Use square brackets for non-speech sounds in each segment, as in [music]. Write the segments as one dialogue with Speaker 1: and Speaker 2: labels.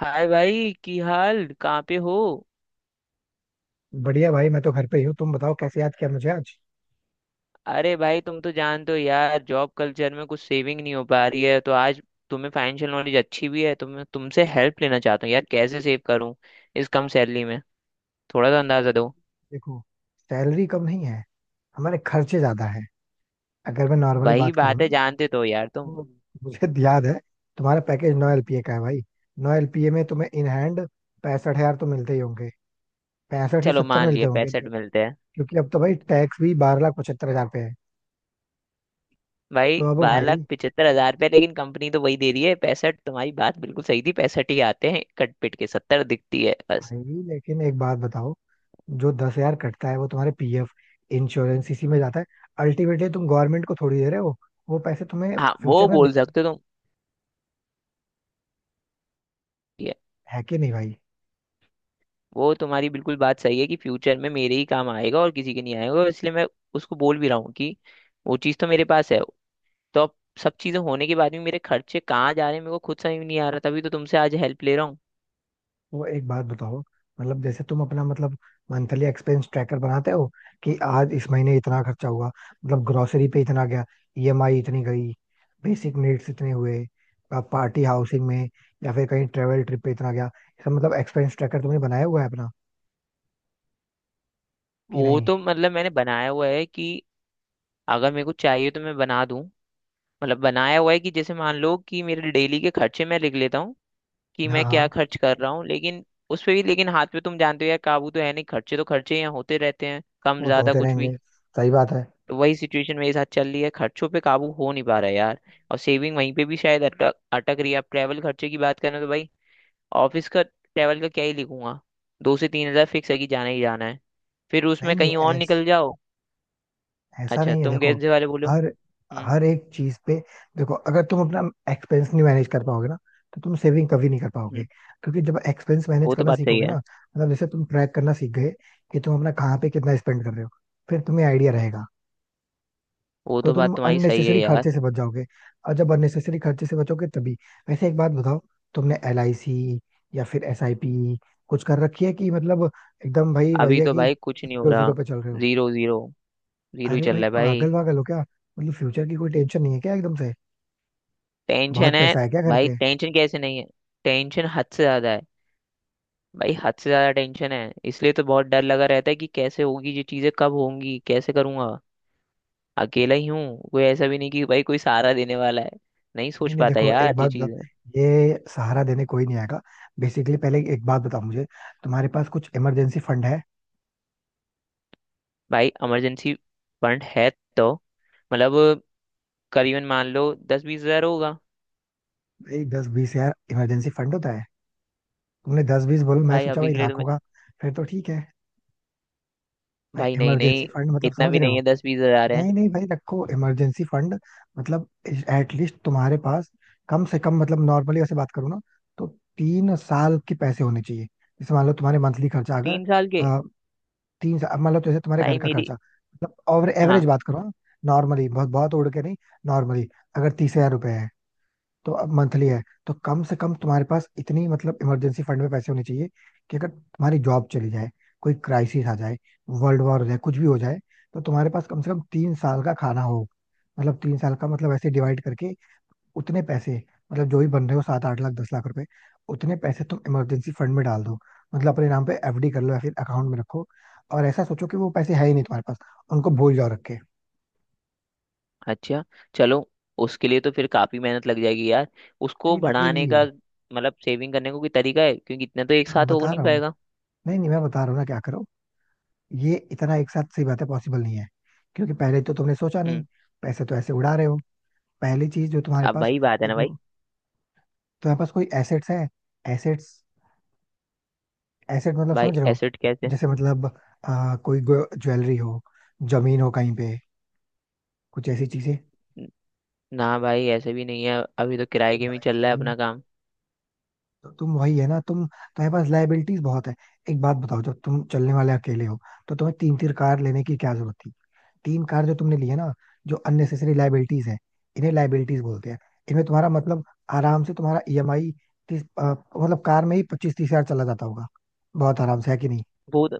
Speaker 1: हाय भाई, की हाल कहाँ पे हो?
Speaker 2: बढ़िया भाई, मैं तो घर पे ही हूँ। तुम बताओ, कैसे याद किया मुझे आज?
Speaker 1: अरे भाई तुम तो जानते हो यार, जॉब कल्चर में कुछ सेविंग नहीं हो पा रही है, तो आज तुम्हें फाइनेंशियल नॉलेज अच्छी भी है, तो मैं तुमसे हेल्प लेना चाहता हूँ यार, कैसे सेव करूँ इस कम सैलरी में। थोड़ा सा अंदाजा दो।
Speaker 2: देखो, सैलरी कम नहीं है। हमारे खर्चे ज्यादा है। अगर मैं नॉर्मली
Speaker 1: वही
Speaker 2: बात करूँ
Speaker 1: बात
Speaker 2: ना,
Speaker 1: है, जानते तो हो यार तुम।
Speaker 2: तो मुझे [laughs] याद है। तुम्हारा पैकेज 9 एलपीए का है भाई। 9 एलपीए में तुम्हें इन हैंड 65,000 तो मिलते ही होंगे। पैंसठ से
Speaker 1: चलो
Speaker 2: सत्तर
Speaker 1: मान
Speaker 2: मिलते
Speaker 1: लिया,
Speaker 2: होंगे।
Speaker 1: 65 मिलते हैं।
Speaker 2: क्योंकि अब तो भाई टैक्स भी 12,75,000 पे है।
Speaker 1: भाई
Speaker 2: तो अब
Speaker 1: बारह
Speaker 2: भाई।
Speaker 1: लाख पिचहत्तर हजार रुपये लेकिन कंपनी तो वही दे रही है, 65। तुम्हारी बात बिल्कुल सही थी, 65 ही आते हैं, कट पिट के 70 दिखती है बस।
Speaker 2: भाई, लेकिन एक बात बताओ, जो 10,000 कटता है वो तुम्हारे पीएफ, इंश्योरेंस इसी में जाता है। अल्टीमेटली तुम गवर्नमेंट को थोड़ी दे रहे हो, वो पैसे तुम्हें
Speaker 1: हाँ, वो
Speaker 2: फ्यूचर में।
Speaker 1: बोल सकते हो तुम।
Speaker 2: है कि नहीं भाई?
Speaker 1: वो तुम्हारी बिल्कुल बात सही है कि फ्यूचर में मेरे ही काम आएगा और किसी के नहीं आएगा, और इसलिए मैं उसको बोल भी रहा हूँ कि वो चीज़ तो मेरे पास है। तो अब सब चीज़ें होने के बाद भी मेरे खर्चे कहाँ जा रहे हैं मेरे को खुद समझ में नहीं आ रहा, तभी तो तुमसे आज हेल्प ले रहा हूँ।
Speaker 2: वो एक बात बताओ, मतलब जैसे तुम अपना, मतलब मंथली एक्सपेंस ट्रैकर बनाते हो, कि आज इस महीने इतना खर्चा हुआ, मतलब ग्रोसरी पे इतना गया, ईएमआई इतनी गई, बेसिक नीड्स इतने हुए, पार्टी हाउसिंग में, या फिर कहीं ट्रेवल ट्रिप पे इतना गया। इसका मतलब एक्सपेंस ट्रैकर तुमने बनाया हुआ है अपना, कि
Speaker 1: वो
Speaker 2: नहीं?
Speaker 1: तो मतलब मैंने बनाया हुआ है कि अगर मेरे को चाहिए तो मैं बना दूँ। मतलब बनाया हुआ है कि जैसे मान लो कि मेरे डेली के खर्चे मैं लिख लेता हूँ कि
Speaker 2: हाँ,
Speaker 1: मैं क्या
Speaker 2: हाँ।
Speaker 1: खर्च कर रहा हूँ, लेकिन उस पे भी लेकिन हाथ पे तो तुम जानते हो यार, काबू तो है नहीं, खर्चे तो खर्चे यहाँ होते रहते हैं कम
Speaker 2: वो तो
Speaker 1: ज्यादा
Speaker 2: होते
Speaker 1: कुछ भी।
Speaker 2: रहेंगे। सही बात है।
Speaker 1: तो वही सिचुएशन मेरे साथ चल रही है, खर्चों पे काबू हो नहीं पा रहा है यार। और सेविंग वहीं पे भी शायद अटक अटक रही है। अब ट्रैवल खर्चे की बात करें तो भाई ऑफिस का ट्रैवल का क्या ही लिखूंगा, 2 से 3 हजार फिक्स है कि जाना ही जाना है, फिर
Speaker 2: नहीं,
Speaker 1: उसमें
Speaker 2: नहीं,
Speaker 1: कहीं और
Speaker 2: ऐस
Speaker 1: निकल जाओ।
Speaker 2: ऐसा
Speaker 1: अच्छा,
Speaker 2: नहीं है,
Speaker 1: तुम
Speaker 2: देखो।
Speaker 1: कैसे वाले बोलो।
Speaker 2: हर
Speaker 1: हम्म।
Speaker 2: हर एक चीज पे। देखो, अगर तुम अपना एक्सपेंस नहीं मैनेज कर पाओगे ना, तो तुम सेविंग कभी नहीं कर पाओगे।
Speaker 1: हम्म,
Speaker 2: क्योंकि जब एक्सपेंस मैनेज
Speaker 1: वो तो
Speaker 2: करना
Speaker 1: बात सही
Speaker 2: सीखोगे
Speaker 1: है।
Speaker 2: ना, मतलब जैसे तुम ट्रैक करना सीख गए, कि तुम अपना कहाँ पे कितना स्पेंड कर रहे हो, फिर तुम्हें आइडिया रहेगा।
Speaker 1: वो
Speaker 2: तो
Speaker 1: तो
Speaker 2: तुम
Speaker 1: बात तुम्हारी सही है
Speaker 2: अननेसेसरी
Speaker 1: यार।
Speaker 2: खर्चे से बच जाओगे, और जब अननेसेसरी खर्चे से बचोगे तभी। वैसे एक बात बताओ, तुमने एल आई सी या फिर एस आई पी कुछ कर रखी है कि मतलब, एकदम भाई
Speaker 1: अभी
Speaker 2: भैया
Speaker 1: तो
Speaker 2: कि
Speaker 1: भाई कुछ नहीं हो
Speaker 2: जीरो
Speaker 1: रहा।
Speaker 2: जीरो पे चल रहे हो?
Speaker 1: Zero zero. जीरो ही
Speaker 2: अरे
Speaker 1: चल
Speaker 2: भाई,
Speaker 1: रहा है
Speaker 2: पागल
Speaker 1: भाई।
Speaker 2: वागल हो क्या? मतलब फ्यूचर की कोई टेंशन नहीं है क्या एकदम से?
Speaker 1: टेंशन
Speaker 2: बहुत
Speaker 1: है।
Speaker 2: पैसा है क्या घर
Speaker 1: भाई
Speaker 2: पे?
Speaker 1: टेंशन कैसे नहीं है? टेंशन हद से ज्यादा है। भाई हद से ज्यादा टेंशन है, इसलिए तो बहुत डर लगा रहता है कि कैसे होगी ये चीजें, कब होंगी, कैसे करूंगा। अकेला ही हूँ, कोई ऐसा भी नहीं कि भाई कोई सहारा देने वाला है। नहीं
Speaker 2: नहीं,
Speaker 1: सोच
Speaker 2: नहीं,
Speaker 1: पाता
Speaker 2: देखो, एक
Speaker 1: यार ये
Speaker 2: बात बताओ,
Speaker 1: चीजें।
Speaker 2: ये सहारा देने कोई नहीं आएगा। बेसिकली पहले एक बात बताओ मुझे, तुम्हारे पास कुछ इमरजेंसी फंड है?
Speaker 1: भाई इमरजेंसी फंड है तो मतलब करीबन मान लो 10-20 हजार होगा।
Speaker 2: भाई, दस बीस यार इमरजेंसी फंड होता है? तुमने 10-20 बोलो, मैं
Speaker 1: भाई
Speaker 2: सोचा
Speaker 1: अभी
Speaker 2: भाई
Speaker 1: के लिए तो
Speaker 2: लाख
Speaker 1: मैं-।
Speaker 2: होगा। फिर तो ठीक है। भाई,
Speaker 1: भाई नहीं
Speaker 2: इमरजेंसी
Speaker 1: नहीं,
Speaker 2: फंड मतलब
Speaker 1: इतना
Speaker 2: समझ
Speaker 1: भी
Speaker 2: रहे
Speaker 1: नहीं
Speaker 2: हो?
Speaker 1: है, 10-20 हजार है।
Speaker 2: नहीं, नहीं, भाई, रखो इमरजेंसी फंड। मतलब एटलीस्ट तुम्हारे पास, कम से कम, मतलब नॉर्मली ऐसे बात करूँ ना, तो 3 साल के पैसे होने चाहिए। जैसे मान लो तुम्हारे मंथली खर्चा अगर,
Speaker 1: 3 साल के?
Speaker 2: अ, 3 साल मान लो, जैसे तुम्हारे घर
Speaker 1: भाई
Speaker 2: का
Speaker 1: मेरी।
Speaker 2: खर्चा मतलब, और एवरेज
Speaker 1: हाँ।
Speaker 2: बात करो, नॉर्मली, बहुत बहुत उड़ के नहीं, नॉर्मली, अगर 30,000 रुपए है, तो अब मंथली है, तो कम से कम तुम्हारे पास इतनी, मतलब इमरजेंसी फंड में पैसे होने चाहिए, कि अगर तुम्हारी जॉब चली जाए, कोई क्राइसिस आ जाए, वर्ल्ड वॉर हो जाए, कुछ भी हो जाए, तो तुम्हारे पास कम से कम 3 साल का खाना हो। मतलब 3 साल का, मतलब ऐसे डिवाइड करके, उतने पैसे, मतलब जो भी बन रहे हो, 7-8 लाख, 10 लाख रुपए, उतने पैसे तुम इमरजेंसी फंड में डाल दो, मतलब अपने नाम पे एफडी कर लो, या फिर अकाउंट में रखो। और ऐसा सोचो कि वो पैसे है ही नहीं तुम्हारे पास, उनको भूल जाओ रख के।
Speaker 1: अच्छा। चलो। उसके लिए तो फिर काफी मेहनत लग जाएगी यार। उसको
Speaker 2: नहीं
Speaker 1: बढ़ाने
Speaker 2: लगेगी।
Speaker 1: का मतलब सेविंग करने को कोई तरीका है, क्योंकि इतना तो एक
Speaker 2: हाँ,
Speaker 1: साथ हो
Speaker 2: बता
Speaker 1: नहीं
Speaker 2: रहा हूँ।
Speaker 1: पाएगा।
Speaker 2: नहीं, नहीं, मैं बता रहा हूँ ना क्या करो। ये इतना एक साथ, सही बात है, पॉसिबल नहीं है, क्योंकि पहले तो तुमने सोचा नहीं,
Speaker 1: हम्म।
Speaker 2: पैसे तो ऐसे उड़ा रहे हो। पहली चीज, जो तुम्हारे
Speaker 1: अब
Speaker 2: पास,
Speaker 1: वही बात है
Speaker 2: ये
Speaker 1: ना भाई।
Speaker 2: जो तुम्हारे पास कोई एसेट्स है, एसेट्स, एसेट मतलब
Speaker 1: भाई
Speaker 2: समझ रहे हो,
Speaker 1: एसेट कैसे?
Speaker 2: जैसे मतलब, कोई ज्वेलरी हो, जमीन हो कहीं पे, कुछ ऐसी चीजें।
Speaker 1: न- ना भाई ऐसे भी नहीं है, अभी तो किराए
Speaker 2: ये
Speaker 1: के में ही चल रहा है
Speaker 2: भाई,
Speaker 1: अपना काम।
Speaker 2: तो तुम वही है ना, तुम्हारे पास लाइबिलिटीज बहुत है। एक बात बताओ, जब तुम चलने वाले अकेले हो, तो तुम्हें तीन तीन कार लेने की क्या जरूरत? तीन कार जो तुमने ली है ना, जो अननेसेसरी लाइबिलिटीज है, इन्हें लाइबिलिटीज बोलते हैं। इनमें तुम्हारा मतलब, आराम से तुम्हारा ईएमआई तीस, मतलब कार में ही 25-30 हजार चला जाता होगा। बहुत आराम से है कि नहीं?
Speaker 1: वो तो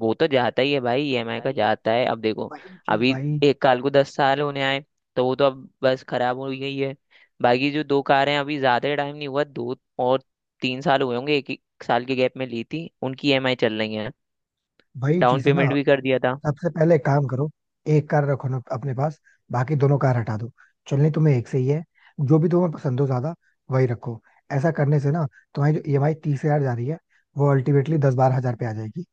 Speaker 1: वो तो जाता ही है भाई,
Speaker 2: ये
Speaker 1: ईएमआई का
Speaker 2: भाई, ये
Speaker 1: जाता है। अब देखो
Speaker 2: वही चीज
Speaker 1: अभी
Speaker 2: भाई,
Speaker 1: एक कार को 10 साल होने आए, तो वो तो अब बस खराब हो गई है। बाकी जो दो कारें हैं, अभी ज्यादा टाइम नहीं हुआ, दो और 3 साल हुए होंगे, एक एक साल के गैप में ली थी, उनकी ईएमआई चल रही है।
Speaker 2: वही
Speaker 1: डाउन
Speaker 2: चीज है ना।
Speaker 1: पेमेंट भी कर दिया था।
Speaker 2: सबसे पहले एक काम करो, एक कार रखो ना अपने पास, बाकी दोनों कार हटा दो। चलनी तुम्हें एक से ही है, जो भी तुम्हें पसंद हो ज्यादा, वही रखो। ऐसा करने से ना, तुम्हारी जो ईएमआई 30,000 जा रही है, वो अल्टीमेटली 10-12 हजार पे आ जाएगी।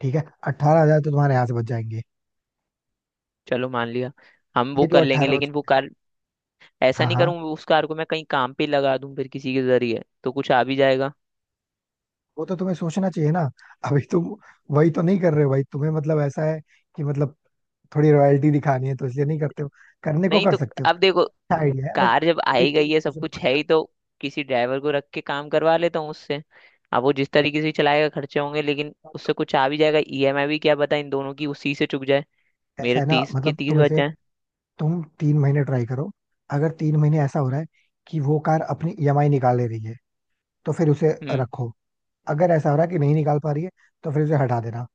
Speaker 2: ठीक है? 18,000 तो तुम्हारे यहाँ से बच जाएंगे।
Speaker 1: चलो मान लिया, हम वो
Speaker 2: ये जो
Speaker 1: कर लेंगे,
Speaker 2: 18
Speaker 1: लेकिन वो
Speaker 2: बच्चे हैं।
Speaker 1: कार ऐसा
Speaker 2: हाँ,
Speaker 1: नहीं
Speaker 2: हाँ।
Speaker 1: करूँ उस कार को मैं कहीं काम पे लगा दूं, फिर किसी के जरिए तो कुछ आ भी जाएगा।
Speaker 2: वो तो तुम्हें सोचना चाहिए ना। अभी तुम वही तो नहीं कर रहे हो भाई, तुम्हें मतलब ऐसा है कि, मतलब थोड़ी रॉयल्टी दिखानी है तो इसलिए नहीं करते हो, करने को
Speaker 1: नहीं
Speaker 2: कर
Speaker 1: तो
Speaker 2: सकते हो।
Speaker 1: अब देखो,
Speaker 2: अच्छा आइडिया है, बट
Speaker 1: कार जब
Speaker 2: अभी
Speaker 1: आई गई
Speaker 2: तुम्हें
Speaker 1: है सब
Speaker 2: सोचना
Speaker 1: कुछ है
Speaker 2: पड़ेगा।
Speaker 1: ही, तो किसी ड्राइवर को रख के काम करवा लेता हूँ उससे। अब वो जिस तरीके से चलाएगा खर्चे होंगे, लेकिन उससे
Speaker 2: तो
Speaker 1: कुछ आ भी जाएगा, ईएमआई भी क्या पता इन दोनों की उसी से चुक जाए,
Speaker 2: ऐसा
Speaker 1: मेरे
Speaker 2: है ना,
Speaker 1: तीस के
Speaker 2: मतलब
Speaker 1: तीस
Speaker 2: तुम
Speaker 1: बच
Speaker 2: इसे,
Speaker 1: जाए।
Speaker 2: तुम 3 महीने ट्राई करो। अगर 3 महीने ऐसा हो रहा है कि वो कार अपनी ईएमआई निकाल ले रही है, तो फिर उसे
Speaker 1: हम्म।
Speaker 2: रखो। अगर ऐसा हो रहा है कि नहीं निकाल पा रही है, तो फिर उसे हटा देना।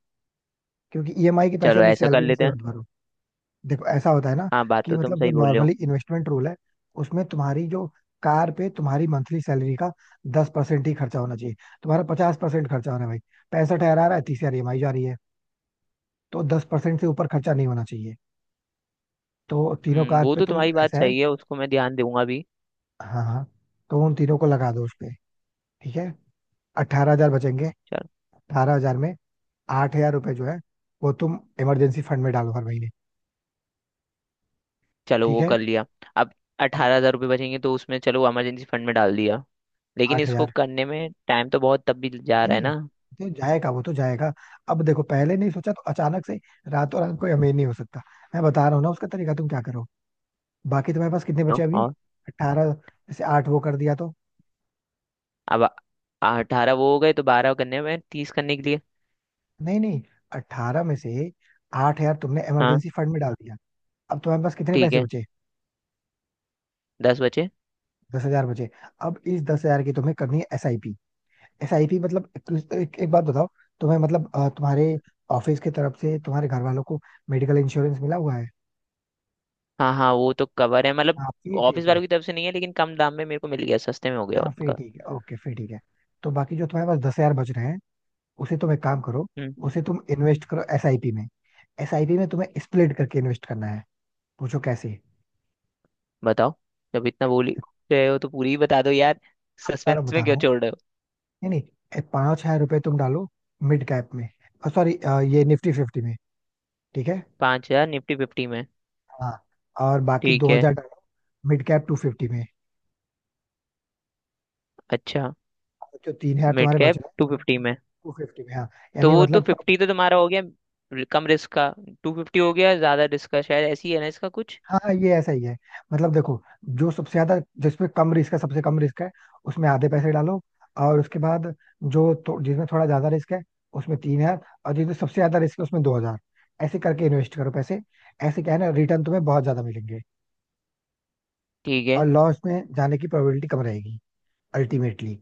Speaker 2: क्योंकि ईएमआई के पैसे
Speaker 1: चलो
Speaker 2: अपनी
Speaker 1: ऐसा कर
Speaker 2: सैलरी में
Speaker 1: लेते
Speaker 2: से
Speaker 1: हैं।
Speaker 2: मत भरो। देखो, ऐसा होता है ना,
Speaker 1: हाँ, बात
Speaker 2: कि
Speaker 1: तो तुम
Speaker 2: मतलब जो
Speaker 1: सही बोल रहे हो।
Speaker 2: नॉर्मली इन्वेस्टमेंट रूल है, उसमें तुम्हारी जो कार पे तुम्हारी मंथली सैलरी का 10% ही खर्चा होना चाहिए, तुम्हारा 50% खर्चा हो रहा है भाई। 65,000 आ रहा है, 30,000 ईएमआई जा रही है, तो 10% से ऊपर खर्चा नहीं होना चाहिए। तो तीनों कार
Speaker 1: वो
Speaker 2: पे
Speaker 1: तो
Speaker 2: तुम,
Speaker 1: तुम्हारी बात
Speaker 2: ऐसा है।
Speaker 1: सही है, उसको मैं ध्यान दूंगा भी।
Speaker 2: हाँ, हाँ। तो उन तीनों को लगा दो उस पे। ठीक है, अट्ठारह हजार बचेंगे। 18,000 में, 8,000 रुपए जो है, वो तुम इमरजेंसी फंड में डालो हर महीने।
Speaker 1: चलो
Speaker 2: ठीक
Speaker 1: वो
Speaker 2: है,
Speaker 1: कर लिया। अब
Speaker 2: और
Speaker 1: 18,000 रुपये बचेंगे, तो उसमें चलो इमरजेंसी फंड में डाल दिया, लेकिन
Speaker 2: आठ
Speaker 1: इसको
Speaker 2: हजार
Speaker 1: करने में टाइम तो बहुत तब भी जा
Speaker 2: नहीं,
Speaker 1: रहा है
Speaker 2: नहीं,
Speaker 1: ना।
Speaker 2: तो जाएगा वो तो जाएगा। अब देखो, पहले नहीं सोचा, तो अचानक से रातों रात कोई अमीर नहीं हो सकता। मैं बता रहा हूँ ना उसका तरीका, तुम क्या करो। बाकी तुम्हारे पास कितने बचे
Speaker 1: नो?
Speaker 2: अभी?
Speaker 1: और
Speaker 2: 18। जैसे आठ वो कर दिया तो,
Speaker 1: अब अठारह वो हो गए, तो 12 करने में 30 करने के लिए।
Speaker 2: नहीं, नहीं, अट्ठारह में से 8,000 तुमने
Speaker 1: हाँ।
Speaker 2: इमरजेंसी फंड में डाल दिया। अब तुम्हारे पास कितने
Speaker 1: ठीक
Speaker 2: पैसे
Speaker 1: है,
Speaker 2: बचे?
Speaker 1: 10 बचे।
Speaker 2: 10,000 बचे। अब इस 10,000 की तुम्हें करनी है S I P. S I P मतलब, एक बात बताओ, तुम्हें मतलब, तुम्हारे ऑफिस की तरफ से तुम्हारे घर वालों को मेडिकल इंश्योरेंस मिला हुआ है?
Speaker 1: हाँ हाँ, वो तो कवर है मतलब।
Speaker 2: हाँ, फिर
Speaker 1: ऑफिस
Speaker 2: ठीक है।
Speaker 1: वालों की तरफ से नहीं है, लेकिन कम दाम में मेरे को मिल गया, सस्ते में हो गया
Speaker 2: हाँ, फिर
Speaker 1: उनका।
Speaker 2: ठीक है, ओके, फिर ठीक है। तो बाकी जो तुम्हारे पास 10,000 बच रहे हैं, उसे तुम एक काम करो,
Speaker 1: हम्म।
Speaker 2: उसे तुम इन्वेस्ट करो एसआईपी में। एसआईपी में तुम्हें स्प्लिट करके इन्वेस्ट करना है, पूछो कैसे।
Speaker 1: बताओ, जब इतना बोल ही
Speaker 2: देखो,
Speaker 1: रहे हो तो पूरी ही बता दो यार,
Speaker 2: मैं बता रहा हूँ,
Speaker 1: सस्पेंस
Speaker 2: बता
Speaker 1: में
Speaker 2: रहा
Speaker 1: क्यों
Speaker 2: हूँ,
Speaker 1: छोड़ रहे हो।
Speaker 2: नहीं, नहीं, 5,000 रुपए तुम डालो मिड कैप में, सॉरी, ये निफ्टी फिफ्टी में, ठीक है?
Speaker 1: 5,000 निफ्टी 50 में।
Speaker 2: हाँ, और बाकी
Speaker 1: ठीक
Speaker 2: दो
Speaker 1: है।
Speaker 2: हजार डालो मिड कैप टू फिफ्टी में।
Speaker 1: अच्छा।
Speaker 2: और जो 3,000
Speaker 1: मिड
Speaker 2: तुम्हारे बच
Speaker 1: कैप
Speaker 2: रहे हैं,
Speaker 1: 250 में?
Speaker 2: टू फिफ्टी में, हाँ,
Speaker 1: तो
Speaker 2: यानी
Speaker 1: वो तो
Speaker 2: मतलब,
Speaker 1: फिफ्टी तो तुम्हारा हो गया, कम रिस्क का। टू फिफ्टी हो गया ज्यादा रिस्क का, शायद ऐसी है ना इसका कुछ।
Speaker 2: हाँ, ये ऐसा ही है। मतलब देखो, जो सबसे ज्यादा जिसमें कम रिस्क है, सबसे कम रिस्क है, उसमें आधे पैसे डालो। और उसके बाद जिसमें थोड़ा ज्यादा रिस्क है, उसमें 3,000। और जिसमें सबसे ज्यादा रिस्क है, उसमें 2,000। ऐसे करके इन्वेस्ट करो पैसे, ऐसे क्या है ना, रिटर्न तुम्हें बहुत ज्यादा मिलेंगे,
Speaker 1: ठीक है।
Speaker 2: और लॉस में जाने की प्रोबेबिलिटी कम रहेगी अल्टीमेटली।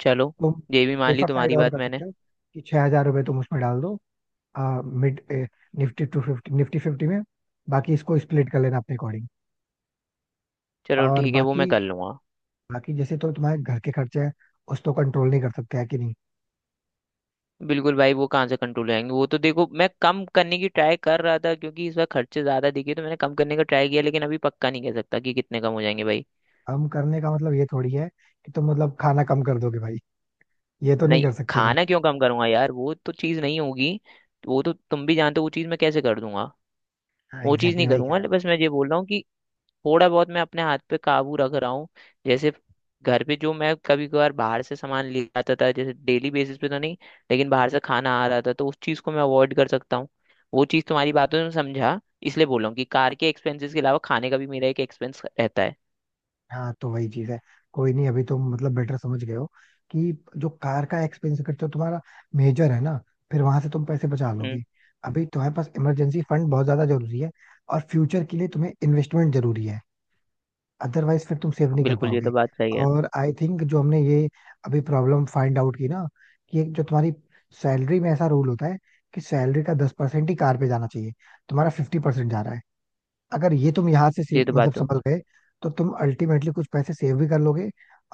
Speaker 1: चलो
Speaker 2: तुम
Speaker 1: ये भी मान ली
Speaker 2: सेफर साइड
Speaker 1: तुम्हारी
Speaker 2: और
Speaker 1: बात
Speaker 2: कर
Speaker 1: मैंने।
Speaker 2: सकते हो, कि 6,000 रुपये तुम उसमें डाल दो, mid, Nifty two fifty, Nifty fifty में, बाकी इसको स्प्लिट कर लेना अपने अकॉर्डिंग।
Speaker 1: चलो
Speaker 2: और
Speaker 1: ठीक है, वो मैं
Speaker 2: बाकी,
Speaker 1: कर लूंगा।
Speaker 2: बाकी जैसे तो तुम्हारे घर के खर्चे हैं, उस तो कंट्रोल नहीं कर सकते है कि नहीं?
Speaker 1: बिल्कुल भाई, वो कहाँ से कंट्रोल रहेंगे? वो तो देखो मैं कम करने की ट्राई कर रहा था, क्योंकि इस बार खर्चे ज्यादा दिखे तो मैंने कम करने का ट्राई किया, लेकिन अभी पक्का नहीं कह सकता कि कितने कम हो जाएंगे भाई।
Speaker 2: कम करने का मतलब ये थोड़ी है कि तुम मतलब खाना कम कर दोगे भाई। ये तो नहीं
Speaker 1: नहीं,
Speaker 2: कर सकते ना।
Speaker 1: खाना क्यों कम करूंगा यार, वो तो चीज़ नहीं होगी। वो तो तुम भी जानते हो वो चीज़ मैं कैसे कर दूंगा।
Speaker 2: हाँ,
Speaker 1: वो
Speaker 2: एग्जैक्टली
Speaker 1: चीज़ नहीं
Speaker 2: exactly वही कह
Speaker 1: करूंगा,
Speaker 2: रहा हूँ।
Speaker 1: बस मैं ये बोल रहा हूँ। थोड़ा बहुत मैं अपने हाथ पे काबू रख रहा हूँ। जैसे घर पे जो मैं कभी कभार बाहर से सामान ले आता था, जैसे डेली बेसिस पे तो नहीं, लेकिन बाहर से खाना आ रहा था तो उस चीज़ को मैं अवॉइड कर सकता हूँ। वो चीज़ तुम्हारी
Speaker 2: हाँ,
Speaker 1: बातों में समझा, इसलिए बोल रहा हूँ कि कार के एक्सपेंसेस के अलावा खाने का भी मेरा एक एक्सपेंस रहता है।
Speaker 2: हाँ। तो वही चीज है। कोई नहीं, अभी तुम मतलब बेटर समझ गए हो कि जो कार का एक्सपेंस खर्चा तुम्हारा मेजर है ना, फिर वहां से तुम पैसे बचा
Speaker 1: हम्म।
Speaker 2: लोगे। अभी तुम्हारे पास इमरजेंसी फंड बहुत ज्यादा जरूरी है, और फ्यूचर के लिए तुम्हें इन्वेस्टमेंट जरूरी है, अदरवाइज फिर तुम सेव नहीं कर
Speaker 1: बिल्कुल, ये
Speaker 2: पाओगे।
Speaker 1: तो बात सही है।
Speaker 2: और आई थिंक जो हमने ये अभी प्रॉब्लम फाइंड आउट की ना, कि एक जो तुम्हारी सैलरी में ऐसा रूल होता है, कि सैलरी का दस परसेंट ही कार पे जाना चाहिए, तुम्हारा 50% जा रहा है। अगर ये तुम यहाँ से
Speaker 1: ये तो बात
Speaker 2: मतलब
Speaker 1: तुम।
Speaker 2: संभल गए, तो तुम अल्टीमेटली कुछ पैसे सेव भी कर लोगे,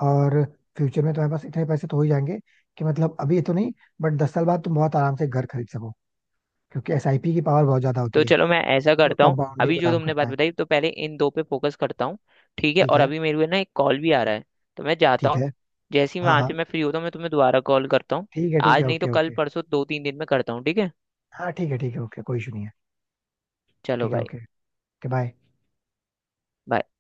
Speaker 2: और फ्यूचर में तुम्हारे पास इतने पैसे तो हो ही जाएंगे, कि मतलब अभी तो नहीं, बट 10 साल बाद तुम बहुत आराम से घर खरीद सको, क्योंकि एसआईपी की पावर बहुत ज्यादा
Speaker 1: तो
Speaker 2: होती है
Speaker 1: चलो मैं ऐसा
Speaker 2: जो
Speaker 1: करता हूँ,
Speaker 2: कंपाउंडिंग
Speaker 1: अभी
Speaker 2: पे
Speaker 1: जो
Speaker 2: काम
Speaker 1: तुमने
Speaker 2: करता
Speaker 1: बात
Speaker 2: है।
Speaker 1: बताई तो पहले इन दो पे फोकस करता हूँ। ठीक है,
Speaker 2: ठीक
Speaker 1: और
Speaker 2: है,
Speaker 1: अभी मेरे को ना एक कॉल भी आ रहा है, तो मैं जाता
Speaker 2: ठीक
Speaker 1: हूँ।
Speaker 2: है।
Speaker 1: जैसे ही
Speaker 2: हाँ,
Speaker 1: वहां
Speaker 2: हाँ।
Speaker 1: से मैं फ्री होता हूँ, मैं तुम्हें दोबारा कॉल करता हूँ।
Speaker 2: ठीक है, ठीक
Speaker 1: आज
Speaker 2: है,
Speaker 1: नहीं तो
Speaker 2: ओके,
Speaker 1: कल
Speaker 2: ओके।
Speaker 1: परसों 2-3 दिन में करता हूँ, ठीक है।
Speaker 2: हाँ, ठीक है, ठीक है, ओके, कोई इशू नहीं है।
Speaker 1: चलो
Speaker 2: ठीक है,
Speaker 1: भाई।
Speaker 2: Okay, okay, bye.
Speaker 1: bye।